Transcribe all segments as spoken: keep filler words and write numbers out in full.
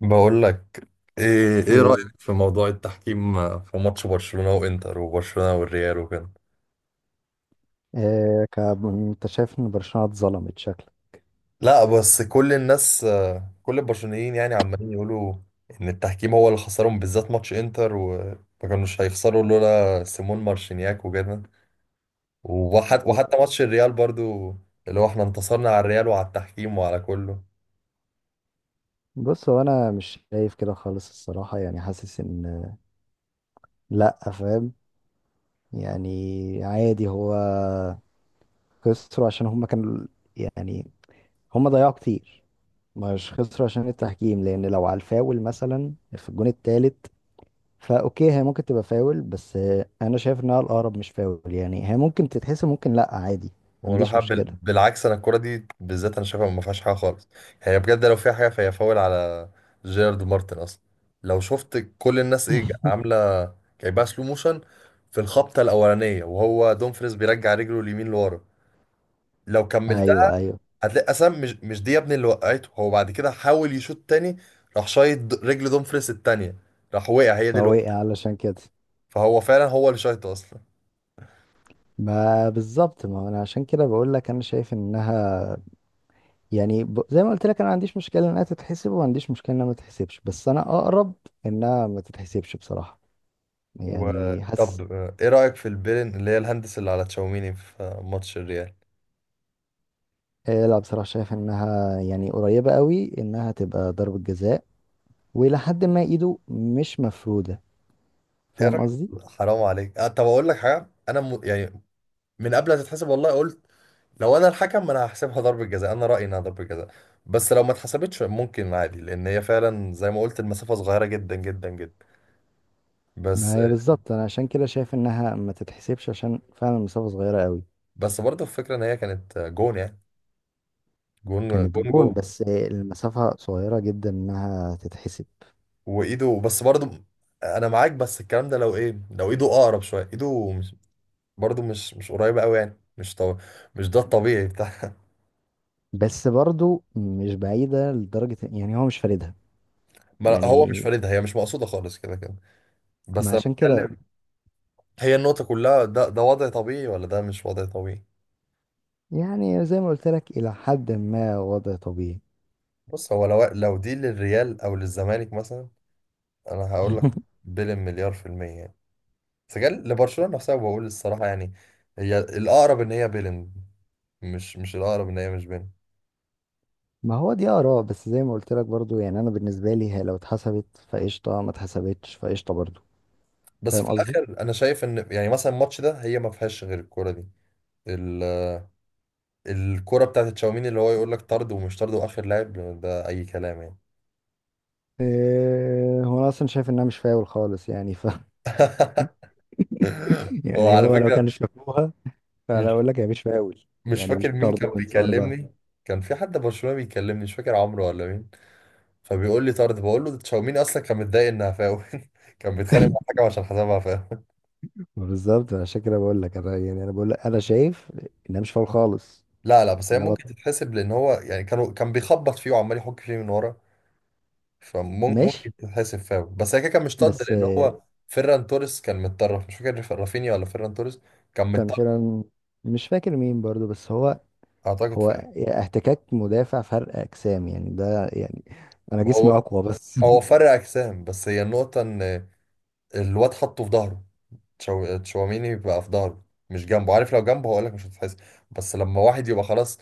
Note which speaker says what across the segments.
Speaker 1: بقول لك، ايه ايه رأيك
Speaker 2: ايه.
Speaker 1: في موضوع التحكيم في ماتش برشلونة وانتر وبرشلونة والريال وكده.
Speaker 2: إيه كاب... انت شايف ان برشلونة اتظلمت شكلك؟
Speaker 1: لا، بس كل الناس آه، كل البرشلونيين يعني عمالين يقولوا ان التحكيم هو اللي خسرهم، بالذات ماتش انتر، وما كانوش هيخسروا لولا سيمون مارشينياك وكده. وحت وحتى ماتش الريال برضو، اللي هو احنا انتصرنا على الريال وعلى التحكيم وعلى كله.
Speaker 2: بص، هو انا مش شايف كده خالص الصراحة، يعني حاسس ان، لا فاهم، يعني عادي هو خسروا عشان هم كانوا، يعني هم ضيعوا كتير، مش خسروا عشان التحكيم لان لو على الفاول مثلا في الجون التالت فاوكي هي ممكن تبقى فاول، بس آه، انا شايف انها الاقرب مش فاول، يعني هي ممكن تتحسب ممكن لا، عادي ما
Speaker 1: ولا
Speaker 2: عنديش
Speaker 1: حب،
Speaker 2: مشكلة.
Speaker 1: بالعكس، انا الكرة دي بالذات انا شايفها ما فيهاش حاجة خالص. يعني بجد لو فيها حاجة فهي فاول على جيرارد مارتن اصلا. لو شفت كل الناس ايه عاملة، جايبها سلو موشن في الخبطة الأولانية وهو دومفريز بيرجع رجله اليمين لورا. لو كملتها
Speaker 2: ايوه، ايوه،
Speaker 1: هتلاقي أسام مش مش دي يا ابني اللي وقعته، هو بعد كده حاول يشوط تاني، راح شايط د- رجل دومفريز التانية، راح وقع، هي دي اللي وقعته.
Speaker 2: فوقع علشان كده.
Speaker 1: فهو فعلا هو اللي شايطه أصلا.
Speaker 2: ما بالظبط، ما انا عشان كده بقول لك انا شايف انها يعني ب... زي ما قلت لك انا ما عنديش مشكله انها تتحسب وما عنديش مشكله انها ما تتحسبش، بس انا اقرب انها ما تتحسبش بصراحه، يعني حاسس.
Speaker 1: وطب ايه رأيك في البيرن اللي هي الهندس اللي على تشاوميني في ماتش الريال؟
Speaker 2: آه، لا بصراحه شايف انها يعني قريبه قوي انها تبقى ضربه جزاء، والى حد ما ايده مش مفروده،
Speaker 1: يا
Speaker 2: فاهم
Speaker 1: راجل،
Speaker 2: قصدي؟
Speaker 1: حرام عليك. أه، طب اقول لك حاجه، انا م... يعني من قبل ما تتحسب والله قلت لو انا الحكم انا هحسبها ضربه جزاء. انا رايي انها ضربه جزاء، بس لو ما اتحسبتش ممكن عادي، لان هي فعلا زي ما قلت المسافه صغيره جدا جدا جدا. بس.
Speaker 2: ما هي بالظبط انا عشان كده شايف انها ما تتحسبش عشان فعلا المسافه صغيره قوي.
Speaker 1: بس برضه الفكره ان هي كانت جون، يعني جون
Speaker 2: كانت
Speaker 1: جون
Speaker 2: جون
Speaker 1: جون.
Speaker 2: بس آه، المسافه صغيره جدا انها تتحسب.
Speaker 1: وايده بس برضه، انا معاك، بس الكلام ده لو ايه، لو ايده اقرب شويه، ايده مش برضه مش مش قريبه قوي، يعني مش طو... مش ده الطبيعي بتاع.
Speaker 2: بس برضو مش بعيدة لدرجة، يعني هو مش فاردها.
Speaker 1: ما- هو مش
Speaker 2: يعني،
Speaker 1: فاردها، هي مش مقصوده خالص كده كده.
Speaker 2: ما
Speaker 1: بس انا
Speaker 2: عشان كده،
Speaker 1: بتكلم، هي النقطة كلها، ده ده وضع طبيعي ولا ده مش وضع طبيعي.
Speaker 2: يعني زي ما قلت لك إلى حد ما وضع طبيعي.
Speaker 1: بص، هو لو لو دي للريال أو للزمالك مثلا أنا هقول لك بيلين مليار في المية يعني. بس جال لبرشلونة نفسها بقول الصراحة يعني هي الأقرب إن هي بيلين، مش مش الأقرب إن هي مش بيلين.
Speaker 2: ما هو دي آراء، بس زي ما قلت لك برضو، يعني أنا بالنسبة لي هي لو اتحسبت فقشطة، ما اتحسبتش فقشطة برضو.
Speaker 1: بس
Speaker 2: فاهم
Speaker 1: في
Speaker 2: قصدي؟
Speaker 1: الآخر أنا شايف إن يعني مثلا الماتش ده هي ما فيهاش غير الكورة دي، ال- الكورة بتاعت تشاوميني اللي هو يقول لك طرد ومش طرد وآخر لاعب، ده أي كلام يعني.
Speaker 2: إيه، هو أنا أصلا شايف إنها مش فاول خالص يعني، ف يعني
Speaker 1: وعلى
Speaker 2: هو لو كان
Speaker 1: فكرة،
Speaker 2: شافوها، فأنا
Speaker 1: مش
Speaker 2: أقول لك هي مش فاول،
Speaker 1: مش
Speaker 2: يعني مش
Speaker 1: فاكر مين
Speaker 2: طرد
Speaker 1: كان
Speaker 2: وإنذار بقى.
Speaker 1: بيكلمني، كان في حد برشلونة بيكلمني مش فاكر عمرو ولا مين، فبيقول لي طرد، بقول له ده تشاوميني اصلا كان متضايق انها فاول، كان بيتخانق مع الحكم عشان حسبها فاول.
Speaker 2: بالظبط، عشان كده بقول لك أنا، يعني أنا بقول لك أنا شايف إنها مش فاول خالص.
Speaker 1: لا لا، بس هي
Speaker 2: النبط
Speaker 1: ممكن تتحسب، لان هو يعني كانوا كان بيخبط فيه وعمال يحك فيه من ورا،
Speaker 2: ماشي،
Speaker 1: فممكن تتحسب فاول، بس هي كده كان مش طرد،
Speaker 2: بس
Speaker 1: لان
Speaker 2: آه،
Speaker 1: هو فيران توريس كان متطرف، مش فاكر رافينيا ولا فيران توريس، كان
Speaker 2: كان
Speaker 1: متطرف،
Speaker 2: فعلا مش فاكر مين برضو، بس هو،
Speaker 1: اعتقد
Speaker 2: هو
Speaker 1: فيران.
Speaker 2: احتكاك مدافع، فرق اجسام، يعني ده يعني انا
Speaker 1: ما
Speaker 2: جسمي
Speaker 1: هو،
Speaker 2: اقوى بس.
Speaker 1: هو فرق اجسام، بس هي النقطة ان الواد حطه في ظهره، تشاو- تشواميني يبقى في ظهره مش جنبه، عارف، لو جنبه هقول لك مش هتحس، بس لما واحد يبقى خلاص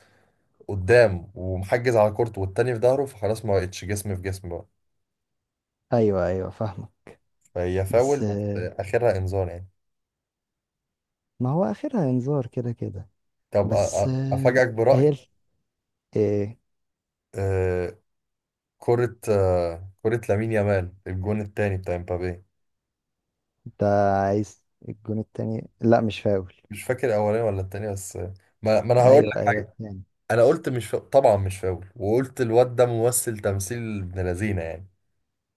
Speaker 1: قدام ومحجز على كورته والتاني في ظهره، فخلاص ما بقتش جسم في جسم بقى.
Speaker 2: ايوه، ايوه، فاهمه.
Speaker 1: فهي
Speaker 2: بس
Speaker 1: فاول بس
Speaker 2: آه،
Speaker 1: اخرها انذار يعني.
Speaker 2: ما هو اخرها انذار كده كده.
Speaker 1: طب أ-
Speaker 2: بس
Speaker 1: أ-
Speaker 2: آه،
Speaker 1: افاجئك
Speaker 2: هي
Speaker 1: برأي.
Speaker 2: ال- ايه؟
Speaker 1: آه، كرة آه كرة لامين يامال، الجون التاني بتاع امبابي،
Speaker 2: انت عايز الجون التاني؟ لا مش فاول.
Speaker 1: مش فاكر الاولاني ولا التاني بس آه، ما, ما انا هقول
Speaker 2: ايوه،
Speaker 1: لك
Speaker 2: ايوه،
Speaker 1: حاجه،
Speaker 2: التاني.
Speaker 1: انا قلت مش فا... طبعا مش فاول، وقلت الواد ده ممثل تمثيل ابن لذينه يعني.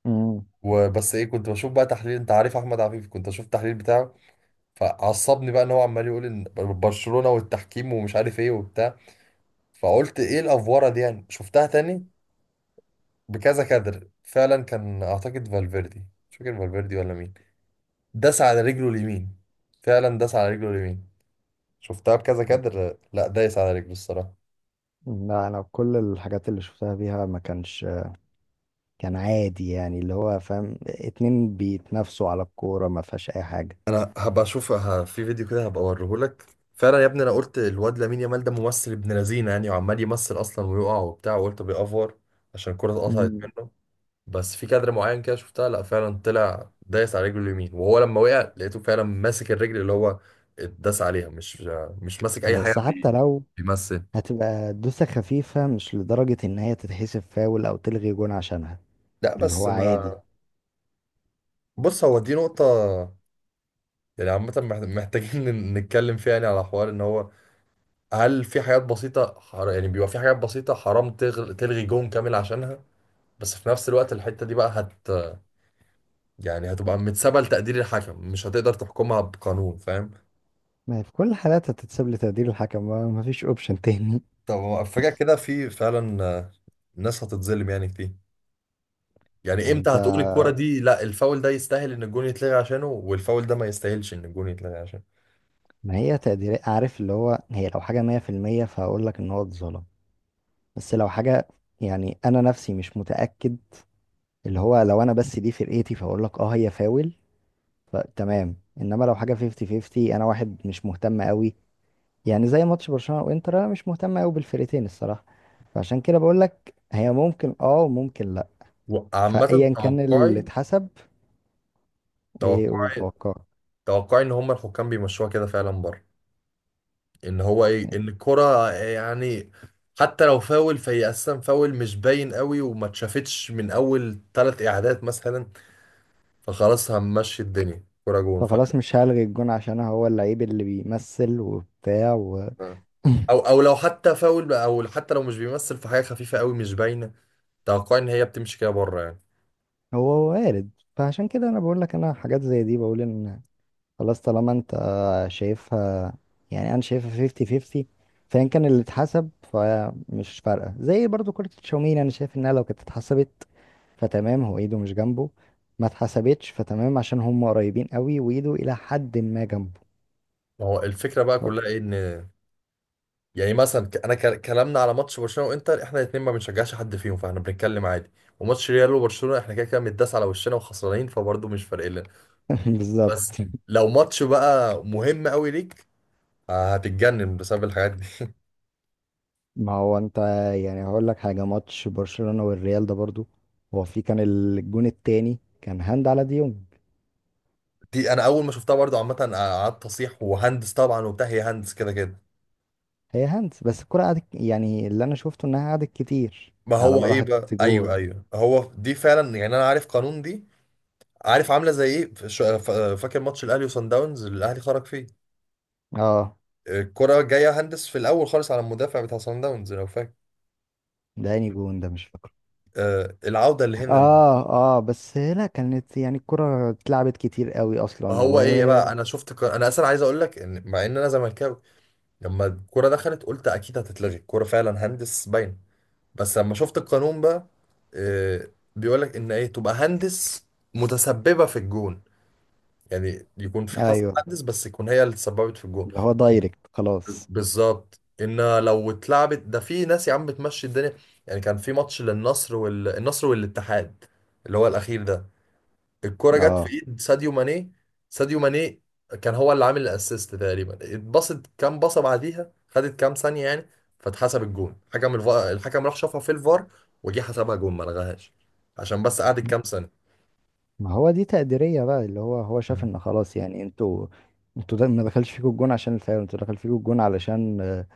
Speaker 2: امم.
Speaker 1: وبس ايه، كنت بشوف بقى تحليل، انت عارف احمد عفيف، كنت اشوف التحليل بتاعه، فعصبني بقى ان هو عمال يقول ان برشلونة والتحكيم ومش عارف ايه وبتاع، فقلت ايه الافوره دي يعني. شفتها تاني بكذا كادر، فعلا كان اعتقد فالفيردي، مش فاكر فالفيردي ولا مين، داس على رجله اليمين، فعلا داس على رجله اليمين. شفتها بكذا كادر، لا دايس على رجله الصراحة.
Speaker 2: لا انا كل الحاجات اللي شفتها بيها ما كانش، كان عادي يعني، اللي هو فاهم، اتنين بيتنافسوا على الكورة، ما فيهاش اي حاجة.
Speaker 1: انا هبقى اشوف ه- في فيديو كده هبقى اوريهولك. فعلا يا ابني، انا قلت الواد لامين يامال ده ممثل ابن لذينه يعني، وعمال يمثل اصلا ويقع وبتاع، وقلت بيأفور عشان الكرة اتقطعت
Speaker 2: مم.
Speaker 1: منه، بس في كادر معين كده شفتها لا فعلا طلع دايس على رجله اليمين، وهو لما وقع لقيته فعلا ماسك الرجل اللي هو اتداس عليها، مش مش ماسك اي حاجه،
Speaker 2: بس
Speaker 1: بي-
Speaker 2: حتى لو،
Speaker 1: بيمثل.
Speaker 2: هتبقى دوسة خفيفة مش لدرجة ان هي تتحسب فاول او تلغي جون عشانها،
Speaker 1: لا
Speaker 2: اللي هو
Speaker 1: بس
Speaker 2: عادي.
Speaker 1: ما، بص، هو دي نقطه يعني عامه، مح- محتاجين نتكلم فيها يعني، على حوار ان هو هل في حاجات بسيطة حر... يعني بيبقى في حاجات بسيطة حرام تغل... تلغي جون كامل عشانها، بس في نفس الوقت الحتة دي بقى هت، يعني هتبقى متسابة لتقدير الحكم، مش هتقدر تحكمها بقانون، فاهم؟
Speaker 2: ما هي في كل الحالات هتتساب لتقدير الحكم، ما ما فيش اوبشن تاني.
Speaker 1: طب هو فجأة كده في فعلا آه، ناس هتتظلم يعني كتير. يعني
Speaker 2: ما
Speaker 1: امتى
Speaker 2: انت،
Speaker 1: هتقول الكرة دي لا الفاول ده يستاهل ان الجون يتلغي عشانه والفاول ده ما يستاهلش ان الجون يتلغي عشانه.
Speaker 2: ما هي تقدير، عارف اللي هو هي لو حاجة مية في المية فهقول لك ان هو اتظلم، بس لو حاجة، يعني انا نفسي مش متأكد، اللي هو لو انا بس دي فرقتي فاقول لك اه هي فاول فتمام، انما لو حاجه خمسين خمسين، انا واحد مش مهتم قوي، يعني زي ماتش برشلونه وانتر انا مش مهتم قوي بالفرقتين الصراحه، فعشان كده بقول لك هي ممكن اه وممكن لا،
Speaker 1: وعامة
Speaker 2: فايا كان اللي
Speaker 1: توقعي،
Speaker 2: اتحسب. ايه،
Speaker 1: توقعي،
Speaker 2: والتوقع،
Speaker 1: توقعي ان هم الحكام بيمشوها كده فعلا بره، ان هو ايه، ان الكرة يعني حتى لو فاول فهي اساسا فاول مش باين قوي، وما اتشافتش من اول ثلاث اعادات مثلا، فخلاص هنمشي الدنيا كرة جون،
Speaker 2: فخلاص
Speaker 1: فاهم؟
Speaker 2: مش هلغي الجون عشان هو اللعيب اللي بيمثل وبتاع وهو،
Speaker 1: آه. او او لو حتى فاول بقى- او حتى لو مش بيمثل في حاجة خفيفة قوي مش باينة، توقع ان هي بتمشي كده بره يعني.
Speaker 2: وارد. فعشان كده انا بقول لك انا حاجات زي دي بقول ان خلاص، طالما انت شايفها، يعني انا شايفها خمسين خمسين، فان كان اللي اتحسب فمش فارقه. زي برضو كره تشاوميني، انا شايف انها لو كانت اتحسبت فتمام، هو ايده مش جنبه، ما اتحسبتش فتمام عشان هم قريبين قوي وايده الى حد ما جنبه.
Speaker 1: ما هو الفكرة بقى
Speaker 2: ف-
Speaker 1: كلها ايه، ان يعني مثلا ك- انا ك- كلامنا على ماتش برشلونة وانتر احنا الاثنين ما بنشجعش حد فيهم، فاحنا بنتكلم عادي. وماتش ريال وبرشلونة احنا كده كده متداس على وشنا وخسرانين، فبرضه مش فارق لنا. بس
Speaker 2: بالظبط.
Speaker 1: لو ماتش بقى مهم قوي ليك، آه، هتتجنن بسبب الحاجات دي.
Speaker 2: ما هو انت، يعني هقول لك حاجه، ماتش برشلونه والريال ده برضو، هو في، كان الجون التاني كان هاند على ديونج.
Speaker 1: دي انا اول ما شفتها برضو عامه آه، قعدت اصيح، وهندس طبعا وبتاع، هي هندس كده كده.
Speaker 2: هي هاند، بس الكره قعدت يعني، اللي انا شفته انها قعدت كتير
Speaker 1: ما
Speaker 2: على
Speaker 1: هو
Speaker 2: ما
Speaker 1: ايه بقى،
Speaker 2: راحت جول.
Speaker 1: ايوه ايوه، هو دي فعلا يعني انا عارف قانون دي، عارف عامله زي ايه، ف- ش- ف- فاكر ماتش الاهلي وصن داونز اللي الاهلي خرج فيه؟
Speaker 2: اه
Speaker 1: الكره جايه هندس في الاول خالص على المدافع بتاع صن داونز، لو فاكر،
Speaker 2: ده اني جون ده مش فاكره.
Speaker 1: آه، العوده اللي هنا اللي
Speaker 2: اه اه، بس لا كانت يعني الكرة اتلعبت كتير قوي اصلا و.
Speaker 1: هو ايه بقى. انا شفت ق- انا اصلا عايز اقول لك ان مع ان انا زملكاوي، لما الكرة دخلت قلت أكيد هتتلغي الكرة فعلا هندس باين. بس لما شفت القانون بقى آه، بيقولك إن إيه تبقى هندس متسببة في الجون، يعني يكون في حصل
Speaker 2: ايوه،
Speaker 1: هندس بس يكون هي اللي تسببت في الجون.
Speaker 2: اللي هو دايركت خلاص.
Speaker 1: بالظبط، إن لو اتلعبت ده في ناس يا عم بتمشي الدنيا. يعني كان في ماتش للنصر، والنصر والاتحاد اللي هو الأخير ده، الكرة جت في
Speaker 2: اه،
Speaker 1: ايد ساديو ماني، ساديو ماني كان هو اللي عامل الاسيست تقريبا، اتبصت كام بصة بعديها، خدت كام ثانية يعني، فاتحسب الجون. حكم الف... الحكم راح شافها في الفار، وجه حسبها جون، ما لغاهاش عشان بس قعدت كام ثانية.
Speaker 2: ما هو دي تقديرية بقى، اللي هو هو شاف ان خلاص يعني انتوا، انتوا ده ما دخلش فيكم الجون عشان الفاول، انتوا دخل فيكم الجون علشان آه،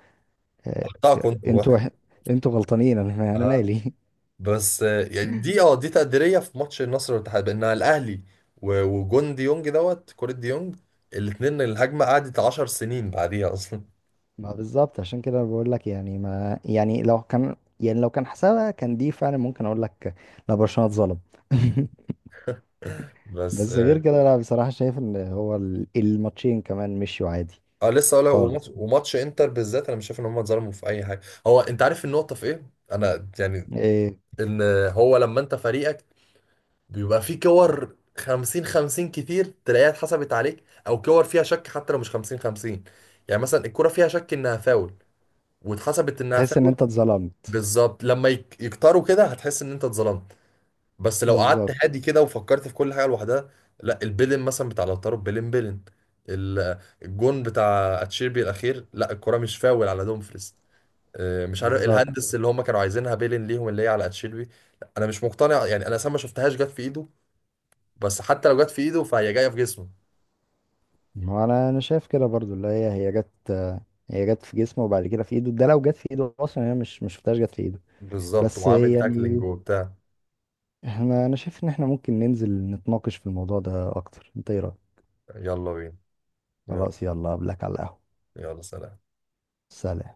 Speaker 2: آه،
Speaker 1: حقها كنت
Speaker 2: انتوا
Speaker 1: واخد.
Speaker 2: انتوا غلطانين، انا انا
Speaker 1: اه
Speaker 2: مالي.
Speaker 1: بس آه، يعني دي اه دي تقديرية. في ماتش النصر والاتحاد بانها الاهلي، و- وجون ديونج دوت كرة ديونج الاتنين، الهجمة قعدت عشر سنين بعديها اصلا.
Speaker 2: ما بالظبط، عشان كده أنا بقول لك، يعني ما، يعني لو كان، يعني لو كان حسابها كان دي فعلا ممكن اقول لك لا برشلونة اتظلم،
Speaker 1: بس
Speaker 2: بس غير
Speaker 1: آه،
Speaker 2: كده لا بصراحة شايف ان هو ال- الماتشين كمان مشيوا عادي
Speaker 1: اه لسه اقول لك،
Speaker 2: خالص.
Speaker 1: وماتش وماتش انتر بالذات انا مش شايف ان هم اتظلموا في اي حاجه. هو انت عارف النقطه في ايه، انا يعني،
Speaker 2: إيه،
Speaker 1: ان هو لما انت فريقك بيبقى فيه كور فيفتي فيفتي كتير، تلاقيها اتحسبت عليك، او كور فيها شك حتى لو مش فيفتي فيفتي، يعني مثلا الكره فيها شك انها فاول واتحسبت انها
Speaker 2: تحس ان
Speaker 1: فاول.
Speaker 2: انت اتظلمت؟
Speaker 1: بالظبط، لما يك- يكتروا كده هتحس ان انت اتظلمت. بس لو قعدت
Speaker 2: بالظبط.
Speaker 1: هادي كده وفكرت في كل حاجه لوحدها، لا، البيلين مثلا بتاع لوتارو، بيلين بيلين، ال- الجون بتاع اتشيربي الاخير، لا الكره مش فاول على دومفريز، آه، مش عارف
Speaker 2: بالظبط،
Speaker 1: الهندس اللي هم كانوا عايزينها بيلين ليهم اللي هي على اتشيربي. لا، انا مش مقتنع يعني، انا اصلا ما شفتهاش جت في ايده، بس حتى لو جت في ايده فهي جايه في جسمه.
Speaker 2: ما انا انا شايف كده برضو، اللي هي هي جت، هي جت في جسمه وبعد كده في ايده، ده لو جت في ايده اصلا، هي مش مش شفتهاش جت في ايده.
Speaker 1: بالظبط
Speaker 2: بس
Speaker 1: وعامل تاكلينج
Speaker 2: يعني،
Speaker 1: وبتاع.
Speaker 2: احنا، انا شايف ان احنا ممكن ننزل نتناقش في الموضوع ده اكتر، انت ايه رأيك؟
Speaker 1: يلا بينا، يلا.
Speaker 2: خلاص، يلا قبلك على القهوة.
Speaker 1: يلا سلام.
Speaker 2: سلام.